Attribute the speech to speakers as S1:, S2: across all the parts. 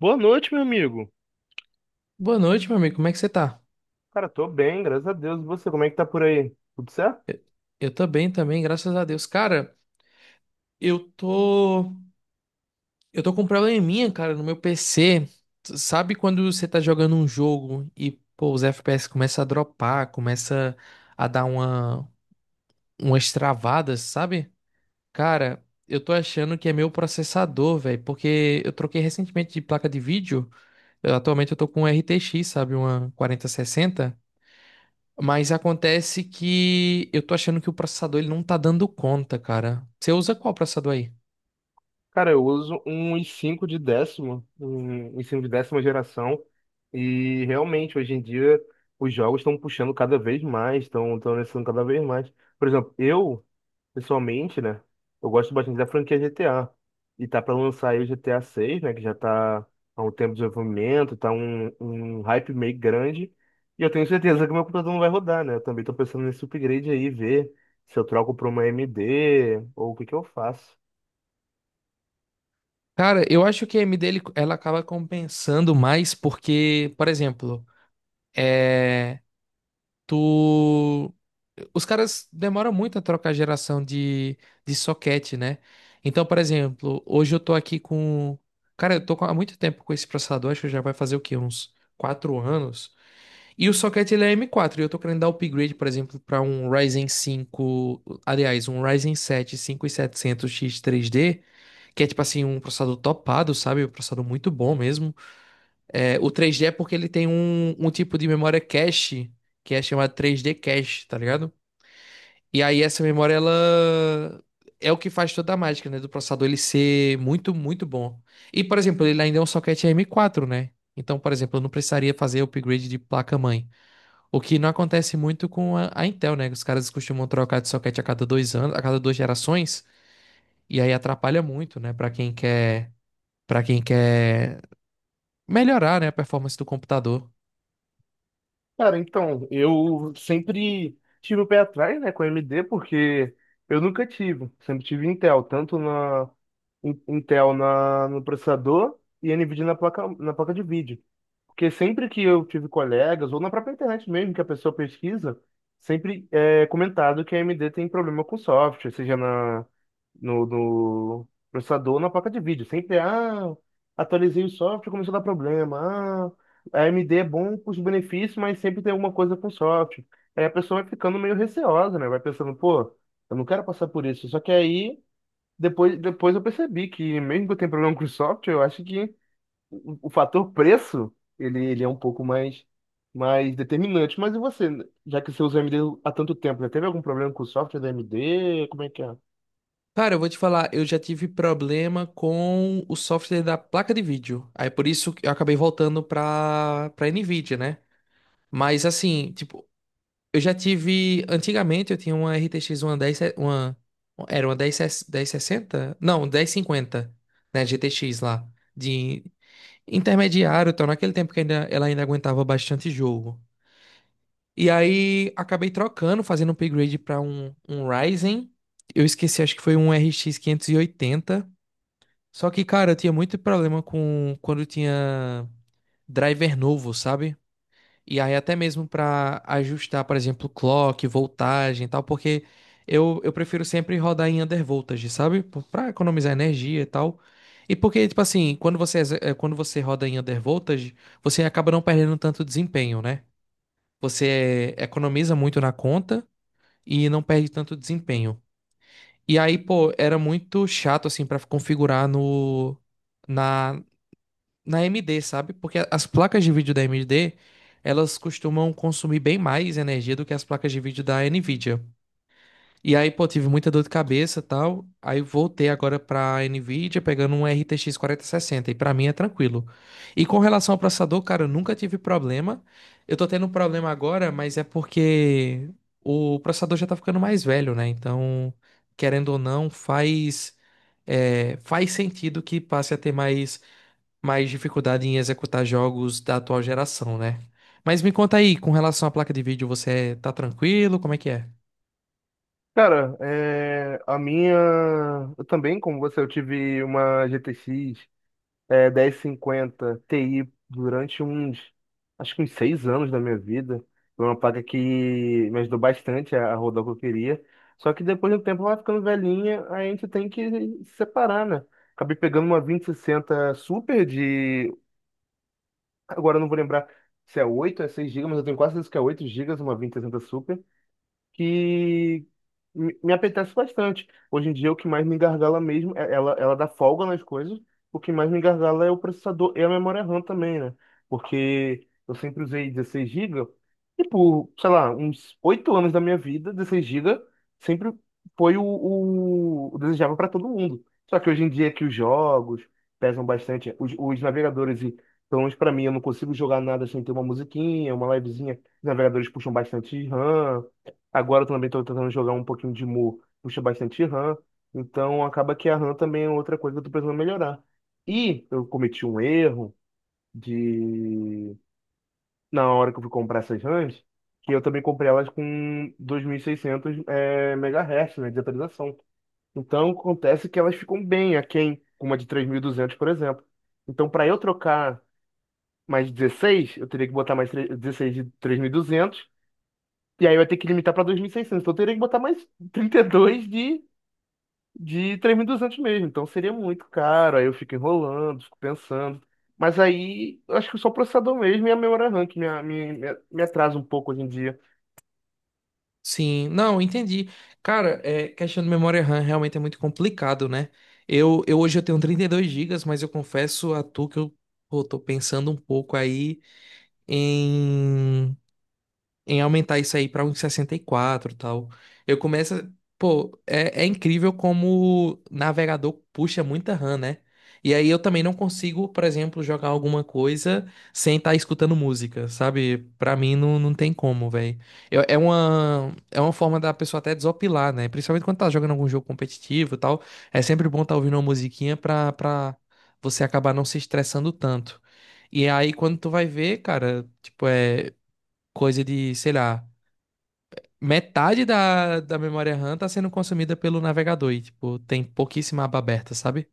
S1: Boa noite, meu amigo.
S2: Boa noite, meu amigo. Como é que você tá?
S1: Cara, tô bem, graças a Deus. E você, como é que tá por aí? Tudo certo?
S2: Eu tô bem também, graças a Deus. Cara, eu tô. Eu tô com um probleminha, cara, no meu PC. Sabe quando você tá jogando um jogo e, pô, os FPS começam a dropar, começa a dar umas travadas, sabe? Cara, eu tô achando que é meu processador, velho, porque eu troquei recentemente de placa de vídeo. Atualmente eu tô com um RTX, sabe? Uma 4060. Mas acontece que eu tô achando que o processador ele não tá dando conta, cara. Você usa qual processador aí?
S1: Cara, eu uso um i cinco de décimo, um i5 de décima geração, e realmente, hoje em dia, os jogos estão puxando cada vez mais, estão necessitando cada vez mais. Por exemplo, eu pessoalmente, né? Eu gosto bastante da franquia GTA. E tá pra lançar aí o GTA 6, né? Que já tá há um tempo de desenvolvimento, tá um hype meio grande. E eu tenho certeza que meu computador não vai rodar, né? Eu também tô pensando nesse upgrade aí, ver se eu troco pra uma AMD ou o que que eu faço.
S2: Cara, eu acho que a AMD ela acaba compensando mais porque, por exemplo, é, tu os caras demoram muito a trocar geração de socket, né? Então, por exemplo, hoje eu tô aqui com. Cara, há muito tempo com esse processador, acho que já vai fazer o quê? Uns 4 anos. E o socket ele é M4, e eu tô querendo dar upgrade, por exemplo, para um Ryzen 5, aliás, um Ryzen 7 5700X 3D, que é tipo assim, um processador topado, sabe? Um processador muito bom mesmo. É, o 3D é porque ele tem um tipo de memória cache, que é chamado 3D cache, tá ligado? E aí essa memória, ela é o que faz toda a mágica, né? Do processador ele ser muito, muito bom. E, por exemplo, ele ainda é um socket M4, né? Então, por exemplo, eu não precisaria fazer upgrade de placa-mãe. O que não acontece muito com a Intel, né? Os caras costumam trocar de socket a cada 2 anos, a cada 2 gerações, e aí atrapalha muito, né? Para quem quer melhorar, né, a performance do computador.
S1: Cara, então, eu sempre tive o pé atrás, né, com a AMD, porque eu nunca tive. Sempre tive Intel, tanto na Intel no processador e NVIDIA na placa de vídeo. Porque sempre que eu tive colegas, ou na própria internet mesmo, que a pessoa pesquisa, sempre é comentado que a AMD tem problema com software, seja na, no, no processador ou na placa de vídeo. Sempre, ah, atualizei o software, começou a dar problema. Ah, a AMD é bom com os benefícios, mas sempre tem alguma coisa com o software. Aí a pessoa vai ficando meio receosa, né? Vai pensando, pô, eu não quero passar por isso. Só que aí, depois eu percebi que, mesmo que eu tenha problema com o software, eu acho que o fator preço, ele é um pouco mais determinante. Mas e você, já que você usa AMD há tanto tempo, já teve algum problema com o software da AMD? Como é que é?
S2: Cara, eu vou te falar, eu já tive problema com o software da placa de vídeo. Aí por isso que eu acabei voltando pra Nvidia, né? Mas assim, tipo, eu já tive. Antigamente eu tinha uma RTX uma 10, era uma 1060. Não, 1050, né? GTX lá. De intermediário, então, naquele tempo que ainda, ela ainda aguentava bastante jogo. E aí acabei trocando, fazendo um upgrade pra um Ryzen. Eu esqueci, acho que foi um RX 80. Só que, cara, eu tinha muito problema com quando tinha driver novo, sabe? E aí até mesmo para ajustar, por exemplo, clock, voltagem e tal, porque eu prefiro sempre rodar em undervoltage, sabe? Para economizar energia e tal. E porque, tipo assim, quando você roda em undervoltage, você acaba não perdendo tanto desempenho, né? Você economiza muito na conta e não perde tanto desempenho. E aí, pô, era muito chato, assim, para configurar no, na AMD, sabe? Porque as placas de vídeo da AMD, elas costumam consumir bem mais energia do que as placas de vídeo da Nvidia. E aí, pô, tive muita dor de cabeça, e tal. Aí voltei agora pra Nvidia pegando um RTX 4060 e pra mim é tranquilo. E com relação ao processador, cara, eu nunca tive problema. Eu tô tendo um problema agora, mas é porque o processador já tá ficando mais velho, né? Então, querendo ou não, faz sentido que passe a ter mais dificuldade em executar jogos da atual geração, né? Mas me conta aí, com relação à placa de vídeo, você tá tranquilo? Como é que é?
S1: Cara, é, a minha. Eu também, como você, eu tive uma GTX 1050 Ti durante uns, acho que uns 6 anos da minha vida. Foi uma placa que me ajudou bastante a rodar o que eu queria. Só que depois do tempo ela vai ficando velhinha, aí a gente tem que se separar, né? Acabei pegando uma 2060 Super de. Agora eu não vou lembrar se é 8 é 6 gigas, mas eu tenho quase certeza que é 8 gigas, uma 2060 Super que me apetece bastante. Hoje em dia, o que mais me gargala mesmo, ela dá folga nas coisas, o que mais me gargala é o processador e a memória RAM também, né? Porque eu sempre usei 16 gigas e, por, sei lá, uns 8 anos da minha vida, 16 gigas sempre foi o desejável para todo mundo. Só que hoje em dia é que os jogos pesam bastante, os navegadores e, pelo menos para mim, eu não consigo jogar nada sem ter uma musiquinha, uma livezinha. Os navegadores puxam bastante RAM. Agora eu também estou tentando jogar um pouquinho de Mu, puxa bastante RAM, então acaba que a RAM também é outra coisa que eu estou precisando melhorar. E eu cometi um erro de, na hora que eu fui comprar essas RAMs, que eu também comprei elas com 2.600 MHz, né, de atualização. Então acontece que elas ficam bem aquém, com uma de 3.200, por exemplo. Então, para eu trocar mais 16, eu teria que botar mais 16 de 3.200, e aí vai ter que limitar para 2.600. Então eu teria que botar mais 32 de 3.200 mesmo. Então seria muito caro. Aí eu fico enrolando, fico pensando. Mas aí eu acho que só o processador mesmo e a memória RAM que me atrasa um pouco hoje em dia.
S2: Sim, não, entendi. Cara, questão de memória RAM realmente é muito complicado, né? Eu hoje eu tenho 32 gigas, mas eu confesso a tu que eu, pô, tô pensando um pouco aí em em aumentar isso aí pra uns 64 e tal. Eu começo. a- Pô, é incrível como o navegador puxa muita RAM, né? E aí eu também não consigo, por exemplo, jogar alguma coisa sem estar escutando música, sabe? Pra mim não, não tem como, velho. É uma forma da pessoa até desopilar, né? Principalmente quando tá jogando algum jogo competitivo e tal. É sempre bom tá ouvindo uma musiquinha pra você acabar não se estressando tanto. E aí, quando tu vai ver, cara, tipo, é coisa de, sei lá, metade da memória RAM tá sendo consumida pelo navegador e, tipo, tem pouquíssima aba aberta, sabe?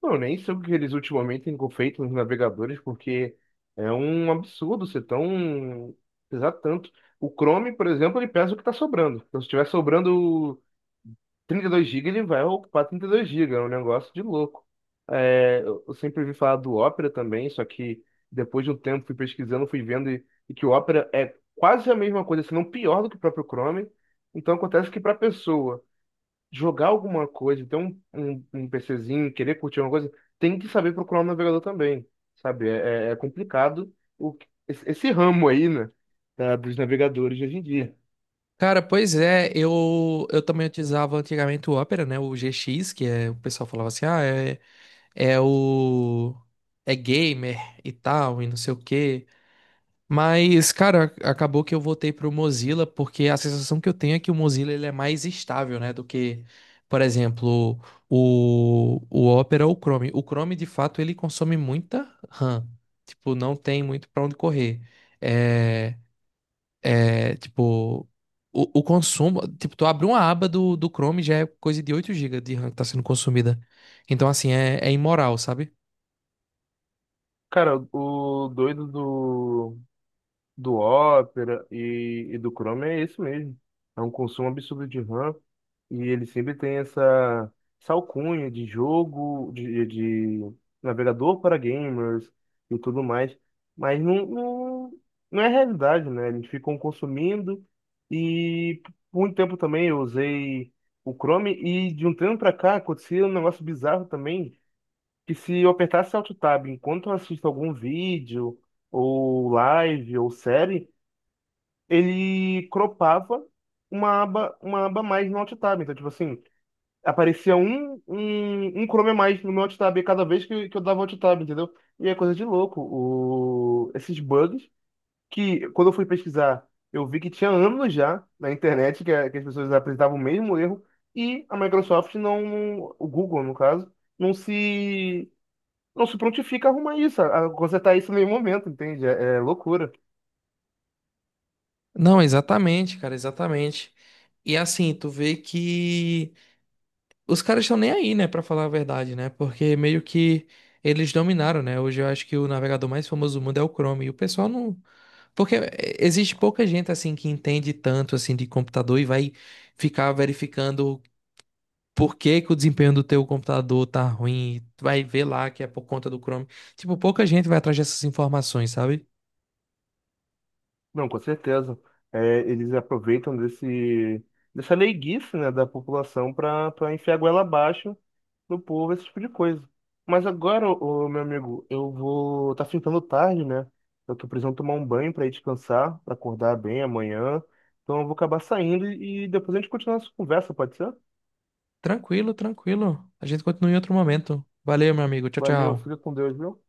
S1: Pô, eu nem sei o que eles ultimamente têm feito nos navegadores, porque é um absurdo ser tão, pesar tanto. O Chrome, por exemplo, ele pesa o que está sobrando. Então, se estiver sobrando 32 gigas, ele vai ocupar 32 gigas. É um negócio de louco. É, eu sempre ouvi falar do Opera também, só que depois de um tempo fui pesquisando, fui vendo, e que o Opera é quase a mesma coisa, se não pior do que o próprio Chrome. Então acontece que, para a pessoa jogar alguma coisa, ter um PCzinho, querer curtir alguma coisa, tem que saber procurar um navegador também, sabe? É complicado esse ramo aí, né, dos navegadores de hoje em dia.
S2: Cara, pois é, eu também utilizava antigamente o Opera, né? O GX, que é, o pessoal falava assim, ah, é o... é gamer e tal, e não sei o quê. Mas, cara, acabou que eu voltei pro Mozilla porque a sensação que eu tenho é que o Mozilla ele é mais estável, né, do que, por exemplo, o Opera ou o Chrome. O Chrome, de fato, ele consome muita RAM. Tipo, não tem muito pra onde correr. É, é tipo, o consumo, tipo, tu abre uma aba do Chrome já é coisa de 8 gigas de RAM que tá sendo consumida. Então, assim, é imoral, sabe?
S1: Cara, o doido do Opera e do Chrome é isso mesmo. É um consumo absurdo de RAM, e ele sempre tem essa alcunha de jogo, de navegador para gamers e tudo mais. Mas não, não, não é realidade, né? Eles ficam consumindo, e por muito tempo também eu usei o Chrome, e de um tempo para cá acontecia um negócio bizarro também, que, se eu apertasse Alt Tab enquanto eu assisto algum vídeo ou live ou série, ele cropava uma aba a mais no alt tab. Então, tipo assim, aparecia um Chrome a mais no meu alt tab cada vez que eu dava alt tab, entendeu? E é coisa de louco. Esses bugs, que, quando eu fui pesquisar, eu vi que tinha anos já na internet que, que as pessoas apresentavam o mesmo erro, e a Microsoft não, o Google, no caso, não se, não se, prontifica a arrumar isso, a consertar isso em nenhum momento, entende? É loucura.
S2: Não, exatamente, cara, exatamente. E assim, tu vê que os caras estão nem aí, né, pra falar a verdade, né? Porque meio que eles dominaram, né? Hoje eu acho que o navegador mais famoso do mundo é o Chrome. E o pessoal não. Porque existe pouca gente, assim, que entende tanto, assim, de computador e vai ficar verificando por que que o desempenho do teu computador tá ruim. Vai ver lá que é por conta do Chrome. Tipo, pouca gente vai atrás dessas informações, sabe?
S1: Não, com certeza. É, eles aproveitam dessa leiguice, né, da população, para enfiar a goela abaixo no povo, esse tipo de coisa. Mas agora, ô, meu amigo, eu vou. Tá ficando tarde, né? Eu tô precisando tomar um banho para ir descansar, para acordar bem amanhã. Então eu vou acabar saindo, e depois a gente continua essa conversa, pode ser?
S2: Tranquilo, tranquilo. A gente continua em outro momento. Valeu, meu amigo. Tchau,
S1: Valeu,
S2: tchau.
S1: fica com Deus, viu?